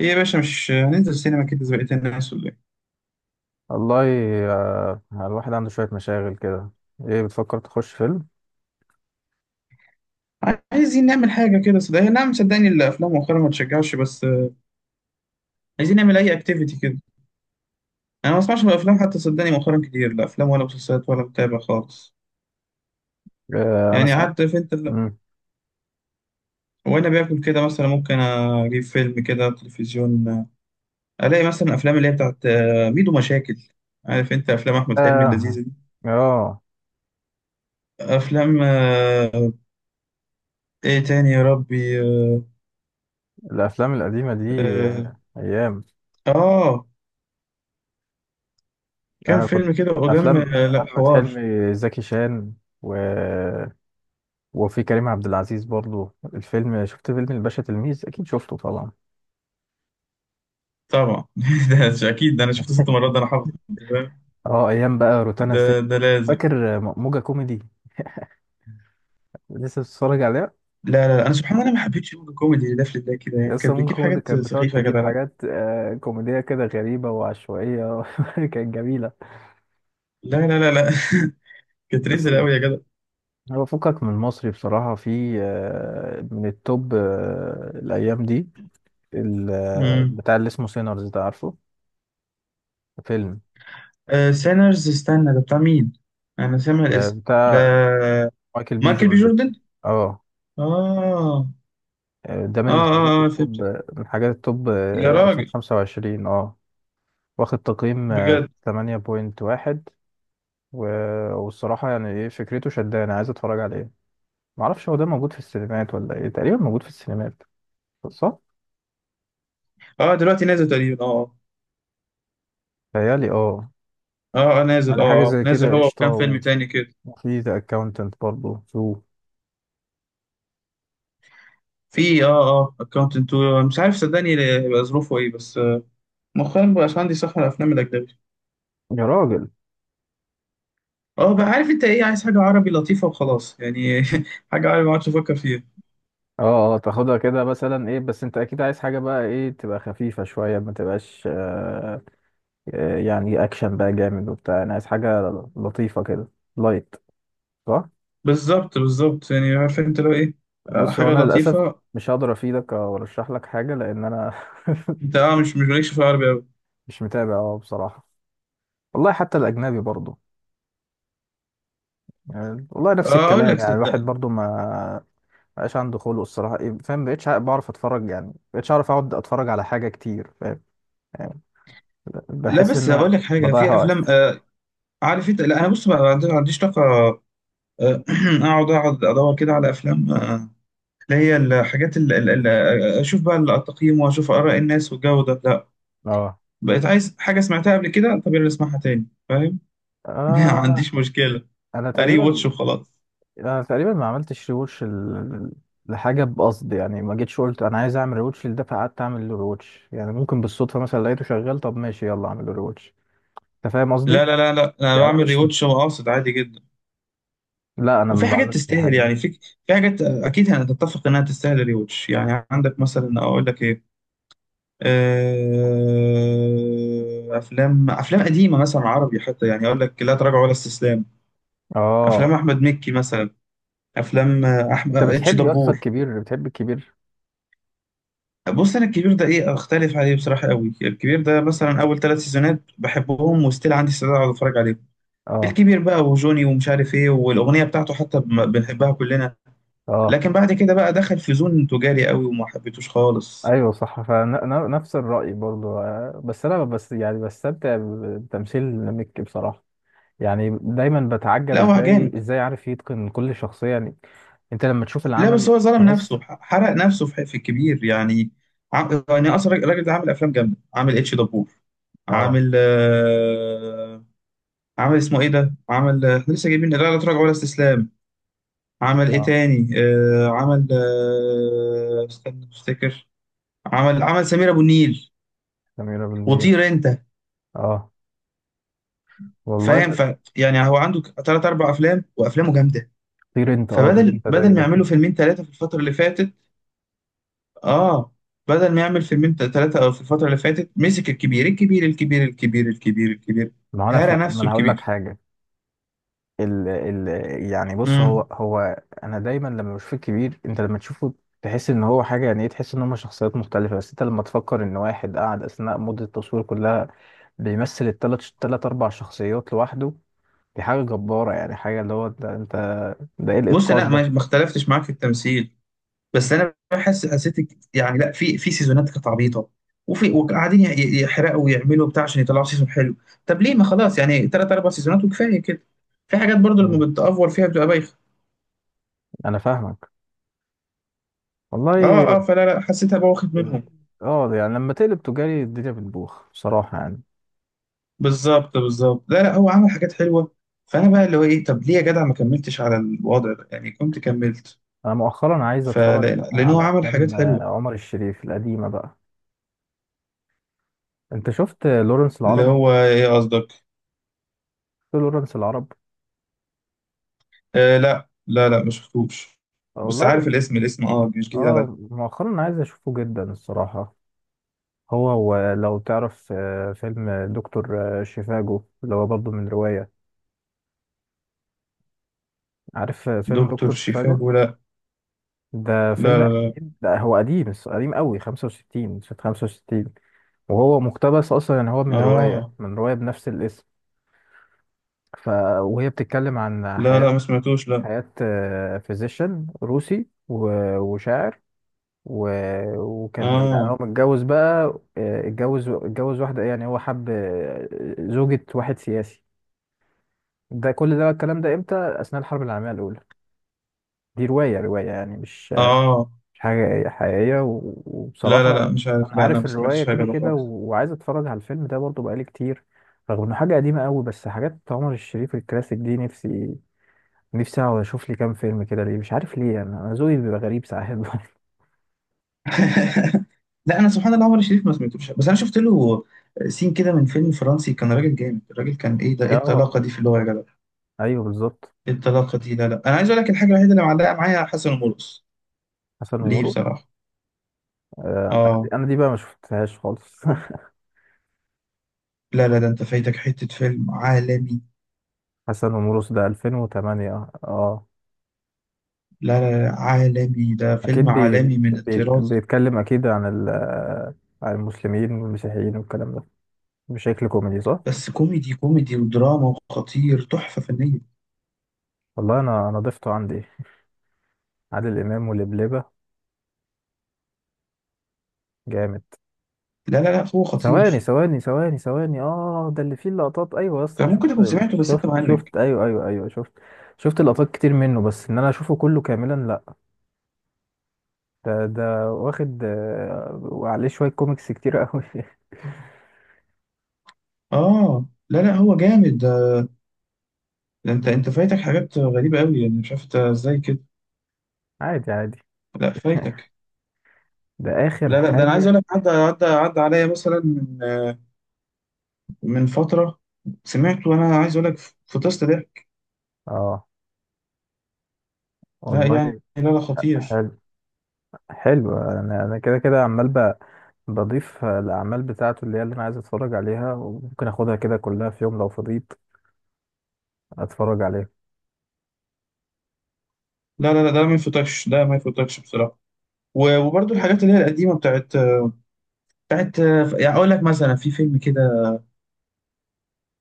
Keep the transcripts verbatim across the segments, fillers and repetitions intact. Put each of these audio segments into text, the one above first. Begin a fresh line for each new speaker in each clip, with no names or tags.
ايه يا باشا، مش هننزل سينما كده زي بقية الناس ولا ايه؟
والله، آه، الواحد عنده شوية مشاغل كده. ايه بتفكر تخش فيلم؟
عايزين نعمل حاجة كده صدقني، نعم، صدقني الأفلام مؤخرا ما تشجعش، بس آه، عايزين نعمل أي أكتيفيتي كده. أنا ما بسمعش الأفلام حتى صدقني، مؤخرا كتير لا أفلام ولا مسلسلات ولا متابع خالص.
آه، انا
يعني
سمعت.
قعدت في أنت ال-
مم.
وأنا باكل كده مثلا، ممكن أجيب فيلم كده على التلفزيون، آه، ألاقي مثلا أفلام اللي هي بتاعت آه، ميدو مشاكل، عارف أنت أفلام أحمد حلمي
اه.
اللذيذة دي،
اه.
أفلام آه، إيه تاني يا ربي.
الافلام القديمة دي
آه.
آه، ايام.
آه، كام
انا كنت
فيلم كده قدام،
افلام
آه، لا
احمد
حوار.
حلمي زكي شان و... وفي كريم عبد العزيز برضو الفيلم، شفت فيلم الباشا تلميذ؟ اكيد شفته طبعا.
طبعا ده ش- اكيد، ده انا شفته ست مرات، ده انا حافظ، انت فاهم.
اه، ايام بقى روتانا
ده
الست،
ده لازم.
فاكر آه، موجة كوميدي؟ لسه بتتفرج عليها؟
لا لا لا، انا سبحان الله، انا ما حبيتش يوم الكوميدي اللي ده، في ده كده يعني
يس،
كانت
ممكن
بتجيب
كوميدي
حاجات
كانت بتقعد
سخيفه يا
تجيب
جدع، لا
حاجات آه، كوميدية كده غريبة وعشوائية كانت جميلة.
لا لا لا, لا. كانت
بس
ريزل قوي يا جدع.
هو فكك من المصري بصراحة، في آه، من التوب آه، الأيام دي، ال- آه،
امم.
بتاع اللي اسمه سينرز، ده عارفه؟ فيلم
سينرز، استنى، ده بتاع مين؟ انا سامع
آه،
الاسم ده.
بتاع مايكل بي
مايكل بي
جوردن.
جوردن.
اه.
اه، اه،
آه، ده
اه،
من الحاجات
اه، فهمت.
التوب، آه، من حاجات التوب
يا
آه،
راجل،
ألفين وخمسة وعشرين. اه. واخد تقييم آه،
بجد.
ثمانية فاصلة واحد. و- والصراحة يعني ايه، فكرته شدانة، عايز اتفرج عليه. معرفش هو ده موجود في السينمات ولا ايه، تقريبا موجود في السينمات، صح؟
اه دلوقتي نازل تقريبا، اه،
تهيألي اه.
اه، اه، آه، نازل،
يعني
اه،
حاجة
اه،
زي
نازل
كده
هو
قشطة،
وكام
و-
فيلم تاني كده.
وفي ذا اكاونتنت برضه شو؟
في، اه، اه اكونت انتو، مش عارف صدقني هيبقى ظروفه ايه، بس مؤخرا مبقاش عندي صح على الافلام الاجنبي.
يا راجل.
اه، بقى عارف انت ايه، عايز حاجه عربي لطيفه وخلاص يعني. حاجه عربي ما اقعدش افكر فيها.
اه اه. تاخدها كده مثلا، ايه، بس انت اكيد عايز حاجة بقى، ايه، تبقى خفيفة شوية ما تبقاش آه آه، يعني اكشن بقى جامد وبتاع. انا عايز حاجة لطيفة كده، لايت، صح؟
بالظبط بالظبط، يعني عارف انت لو ايه، آه،
بص، هو
حاجه
انا للأسف
لطيفه.
مش هقدر افيدك او ارشح لك حاجة، لان انا
انت اه مش مش مالكش في العربي قوي.
مش متابع اه بصراحة. والله حتى الاجنبي برضه، يعني والله نفس
اه، اقول
الكلام.
لك
يعني الواحد
صدقني.
برضو ما بقاش عنده خلق الصراحة، إيه، فاهم؟ بقيتش ع- بعرف اتفرج، يعني ما بقيتش اعرف اقعد اتفرج على حاجة كتير، فاهم؟ يعني
لا
بحس
بس
ان
هقول
أنا
لك حاجه،
بضيع
في افلام،
وقت.
آه عارف انت، لا انا بص بقى، ما عندي- ما عنديش طاقه آه، اقعد اقعد ادور كده على افلام، آه، اللي هي الحاجات اللي اللي اشوف بقى التقييم واشوف اراء الناس والجو ده، لا.
اه.
بقيت عايز حاجه سمعتها قبل كده، طب يلا اسمعها تاني فاهم. ما
آه.
عنديش مشكله.
انا
ري
تقريبا
واتش وخلاص.
انا تقريبا ما عملتش ريوتش ال- لحاجة، بقصد يعني، ما جيتش قلت انا عايز اعمل ريوتش لده فقعدت اعمل له ريوتش، يعني ممكن بالصدفة مثلا لقيته شغال، طب ماشي يلا اعمل له ريوتش. انت فاهم
لا
قصدي؟
لا لا لا، انا
يعني أنا
بعمل ري
مش.
واتش واقصد عادي جدا.
لا، انا
وفي
ما
حاجات
بعملش الحاجة
تستاهل،
دي.
يعني في في حاجات اكيد هنتفق انها تستاهل ري واتش، يعني عندك مثلا اقول لك ايه، آه، افلام، افلام قديمه مثلا عربي حتى، يعني اقول لك لا تراجع ولا استسلام، افلام
اه،
احمد مكي مثلا، افلام احمد
انت
اتش
بتحب يا اسطى
دبور.
الكبير؟ بتحب الكبير؟
بص، انا الكبير ده ايه، اختلف عليه بصراحه قوي. الكبير ده مثلا، اول ثلاث سيزونات بحبهم، وستيل عندي استعداد اقعد اتفرج عليهم.
اه
الكبير بقى، وجوني، ومش عارف ايه، والاغنيه بتاعته حتى بم- بنحبها كلنا،
اه.
لكن بعد كده بقى دخل في زون تجاري قوي وما حبيتوش خالص.
ايوه صح، فنفس الرأي برضو، آه، بس انا، بس يعني، بستمتع بتمثيل مكي بصراحة. يعني دايما بتعجب
لا هو
ازاي
جامد،
ازاي عارف يتقن كل شخصية يعني. انت لما تشوف
لا بس
العمل
هو ظلم
تحس.
نفسه، ح- حرق نفسه في في الكبير يعني. عم... يعني اصلا الراجل ده عامل افلام جامده، عامل اتش دبور،
اه
عامل آه... عامل اسمه ايه ده، عامل آه، لسه جايبين لا لا تراجع ولا استسلام، عمل ايه
اه.
تاني آه... عمل آه... استنى افتكر. عمل، عمل سمير ابو النيل
سميرة بالنيل.
وطير انت،
اه، والله.
فاهم ف يعني هو عنده ثلاث اربع افلام وافلامه جامده.
طير انت، اه، طير
فبدل
انت ده
بدل ما يعملوا
جامد
فيلمين ثلاثه في الفتره اللي فاتت، اه، بدل ما يعمل فيلمين ثلاثه في الفتره اللي فاتت، مسك الكبير الكبير الكبير الكبير الكبير الكبير.
ما هو انا ف...
هرى
ما
نفسه
انا هقول لك
الكبير.
حاجة. ال ال يعني بص، هو
امم.
هو انا دايما لما بشوف الكبير، انت لما تشوفه تحس ان هو حاجه، يعني ايه، تحس ان هم شخصيات مختلفه. بس انت لما تفكر ان واحد قعد اثناء مده التصوير كلها بيمثل الثلاث، ثلاث اربع شخصيات لوحده، دي حاجه جباره يعني. حاجه اللي هو ده، انت ده ايه
بص لا،
الاتقان ده؟
ما ما اختلفتش معاك في التمثيل، بس انا بحس، حسيت ك- يعني لا، في في سيزونات كانت عبيطه، وفي، وقاعدين ي- ي- يحرقوا ويعملوا بتاع عشان يطلعوا سيزون حلو، طب ليه؟ ما خلاص يعني، ثلاث اربع سيزونات وكفايه كده، في حاجات برضو
مم.
لما بتأفور فيها بتبقى بايخه.
انا فاهمك، والله.
اه، اه، فلا لا حسيتها بقى واخد منهم.
اه يعني لما تقلب تجاري الدنيا بتبوخ بصراحه يعني.
بالظبط بالظبط، لا لا، هو عمل حاجات حلوه. فانا بقى اللي هو ايه، طب ليه يا جدع ما كملتش على الوضع ده يعني، كنت كملت.
انا مؤخرا عايز
فلا
اتفرج
لا، لان هو
على
عمل حاجات
افلام آه،
حلوه.
عمر الشريف القديمه بقى. انت شفت لورنس
اللي
العرب؟
هو ايه قصدك؟
في لورنس العرب،
آه، لا لا لا ما شفتوش، بس عارف
والله.
الاسم، الاسم اه مش جديد عليا.
اه مؤخرا عايز اشوفه جدا الصراحة. هو هو لو تعرف آه، فيلم دكتور آه، شيفاجو، اللي هو برضه من رواية. عارف آه، فيلم
دكتور
دكتور شيفاجو؟
شيفاجو، لا
ده
لا.
فيلم
لا
قديم، ده هو قديم الص- قديم قوي، خمسة وستين سنة، خمسة وستين. وهو مقتبس اصلا، يعني هو
لا.
من رواية،
اه،
من رواية بنفس الاسم. ف وهي بتتكلم عن
لا
حياة،
لا ما سمعتوش، لا.
حياة فيزيشن روسي و- وشاعر و... وكان، يعني
اه،
هو متجوز بقى، آه، اتجوز اتجوز واحدة، يعني هو حب آه، زوجة واحد سياسي. ده كل ده الكلام ده امتى؟ أثناء الحرب العالمية الأولى. دي رواية، رواية يعني مش
اه.
مش حاجة حقيقية. و-
لا لا
وبصراحة
لا مش
أنا
عارف، لا انا
عارف
ما
الرواية
سمعتش حاجه
كده
ده
كده،
خالص.
و- وعايز أتفرج على الفيلم ده برضه بقالي كتير، رغم إنه حاجة قديمة قوي. بس حاجات عمر الشريف الكلاسيك دي، نفسي، نفسي أقعد أشوف لي كام فيلم كده. ليه؟ مش عارف ليه. أنا أنا ذوقي بيبقى غريب ساعات برضه.
لا انا سبحان الله، عمر الشريف ما سمعتوش، بس انا شفت له سين كده من فيلم فرنسي، كان راجل جامد الراجل، كان ايه ده، ايه
آه،
الطلاقه دي في اللغه يا جدع؟
أيوه بالظبط.
ايه الطلاقه دي؟ لا لا، انا عايز اقول لك الحاجه الوحيده اللي معلقه معايا، حسن ومرقص
حسن
ليه
ومرقص؟
بصراحه.
آه، انا دي،
اه،
أنا دي بقى ما شفتهاش خالص
لا لا، ده انت فايتك حته فيلم عالمي.
حسن ومرقص ده ألفين وثمانية. اه.
لا لا لا، عالمي، ده فيلم
اكيد بي...
عالمي من
بيت...
الطراز.
بيتكلم اكيد عن ال... آه، عن المسلمين والمسيحيين والكلام ده بشكل كوميدي، صح؟
بس كوميدي، كوميدي ودراما وخطير، تحفه فنيه.
والله انا، انا ضفته عندي عادل امام ولبلبة، جامد.
لا لا لا، هو
ثواني
خطير.
ثواني ثواني ثواني، اه، ده اللي فيه اللقطات. ايوه يا اسطى
انت
انا
ممكن
شفت،
تكون سمعته، بس
شفت
انت مهنج.
شفت ايوه ايوه ايوه، شفت. شفت لقطات كتير منه، بس ان انا اشوفه كله كاملا لا. ده ده واخد آه، وعليه شويه كوميكس كتير قوي
اه، لا لا، هو جامد ده، ده انت انت فايتك حاجات غريبه قوي يعني، مش عارف انت ازاي كده.
عادي عادي.
لا فايتك.
ده اخر
لا لا، ده انا عايز اقول
حاجة.
لك، عدى، عدى عدى عليا مثلا من من فتره، سمعته وانا عايز اقول لك، فطست ضحك.
اه
لا
والله.
يعني لا لا، خطير.
حلو. حلو، انا انا كده كده عمال ب- بضيف الاعمال بتاعته اللي هي، اللي انا عايز اتفرج عليها، وممكن اخدها كده كلها في يوم لو فضيت اتفرج عليها.
لا لا لا، ده ما يفوتكش، ده ما يفوتكش بصراحه. و- وبرضه الحاجات اللي هي القديمه بتاعت، بتاعت يعني، اقول لك مثلا، في فيلم كده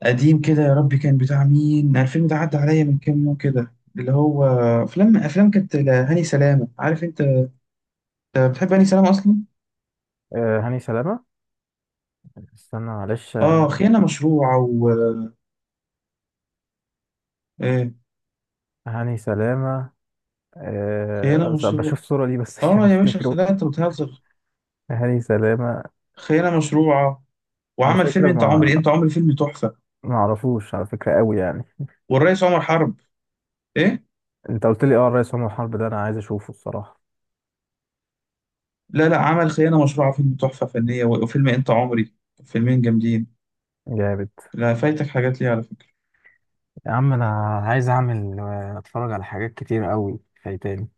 قديم كده يا ربي كان بتاع مين؟ أنا الفيلم ده عدى عليا من كام يوم كده، اللي هو افلام، افلام كانت لهاني سلامه، عارف انت بتحب هاني سلامه اصلا؟
آه، هاني سلامة. استنى معلش.
اه، خيانه مشروعه و إيه؟
هاني سلامة.
خيانه
آه أصل
مشروعه.
بشوف صورة ليه بس عشان
اه يا باشا،
افتكره.
خدعت، انت بتهزر.
هاني سلامة،
خيانه مشروعه،
على
وعمل فيلم
فكرة،
انت عمري،
ما
انت عمري فيلم تحفه،
ما اعرفوش على فكرة، قوي يعني.
والرئيس عمر حرب. ايه؟
انت قلت لي اه الرئيس عمر حرب، ده انا عايز اشوفه الصراحة،
لا لا، عمل خيانه مشروعه فيلم تحفه فنيه، وفيلم انت عمري، فيلمين جامدين.
جامد.
لا فايتك حاجات ليه على فكره
يا عم، انا عايز اعمل آه، اتفرج على حاجات كتير قوي فايتاني.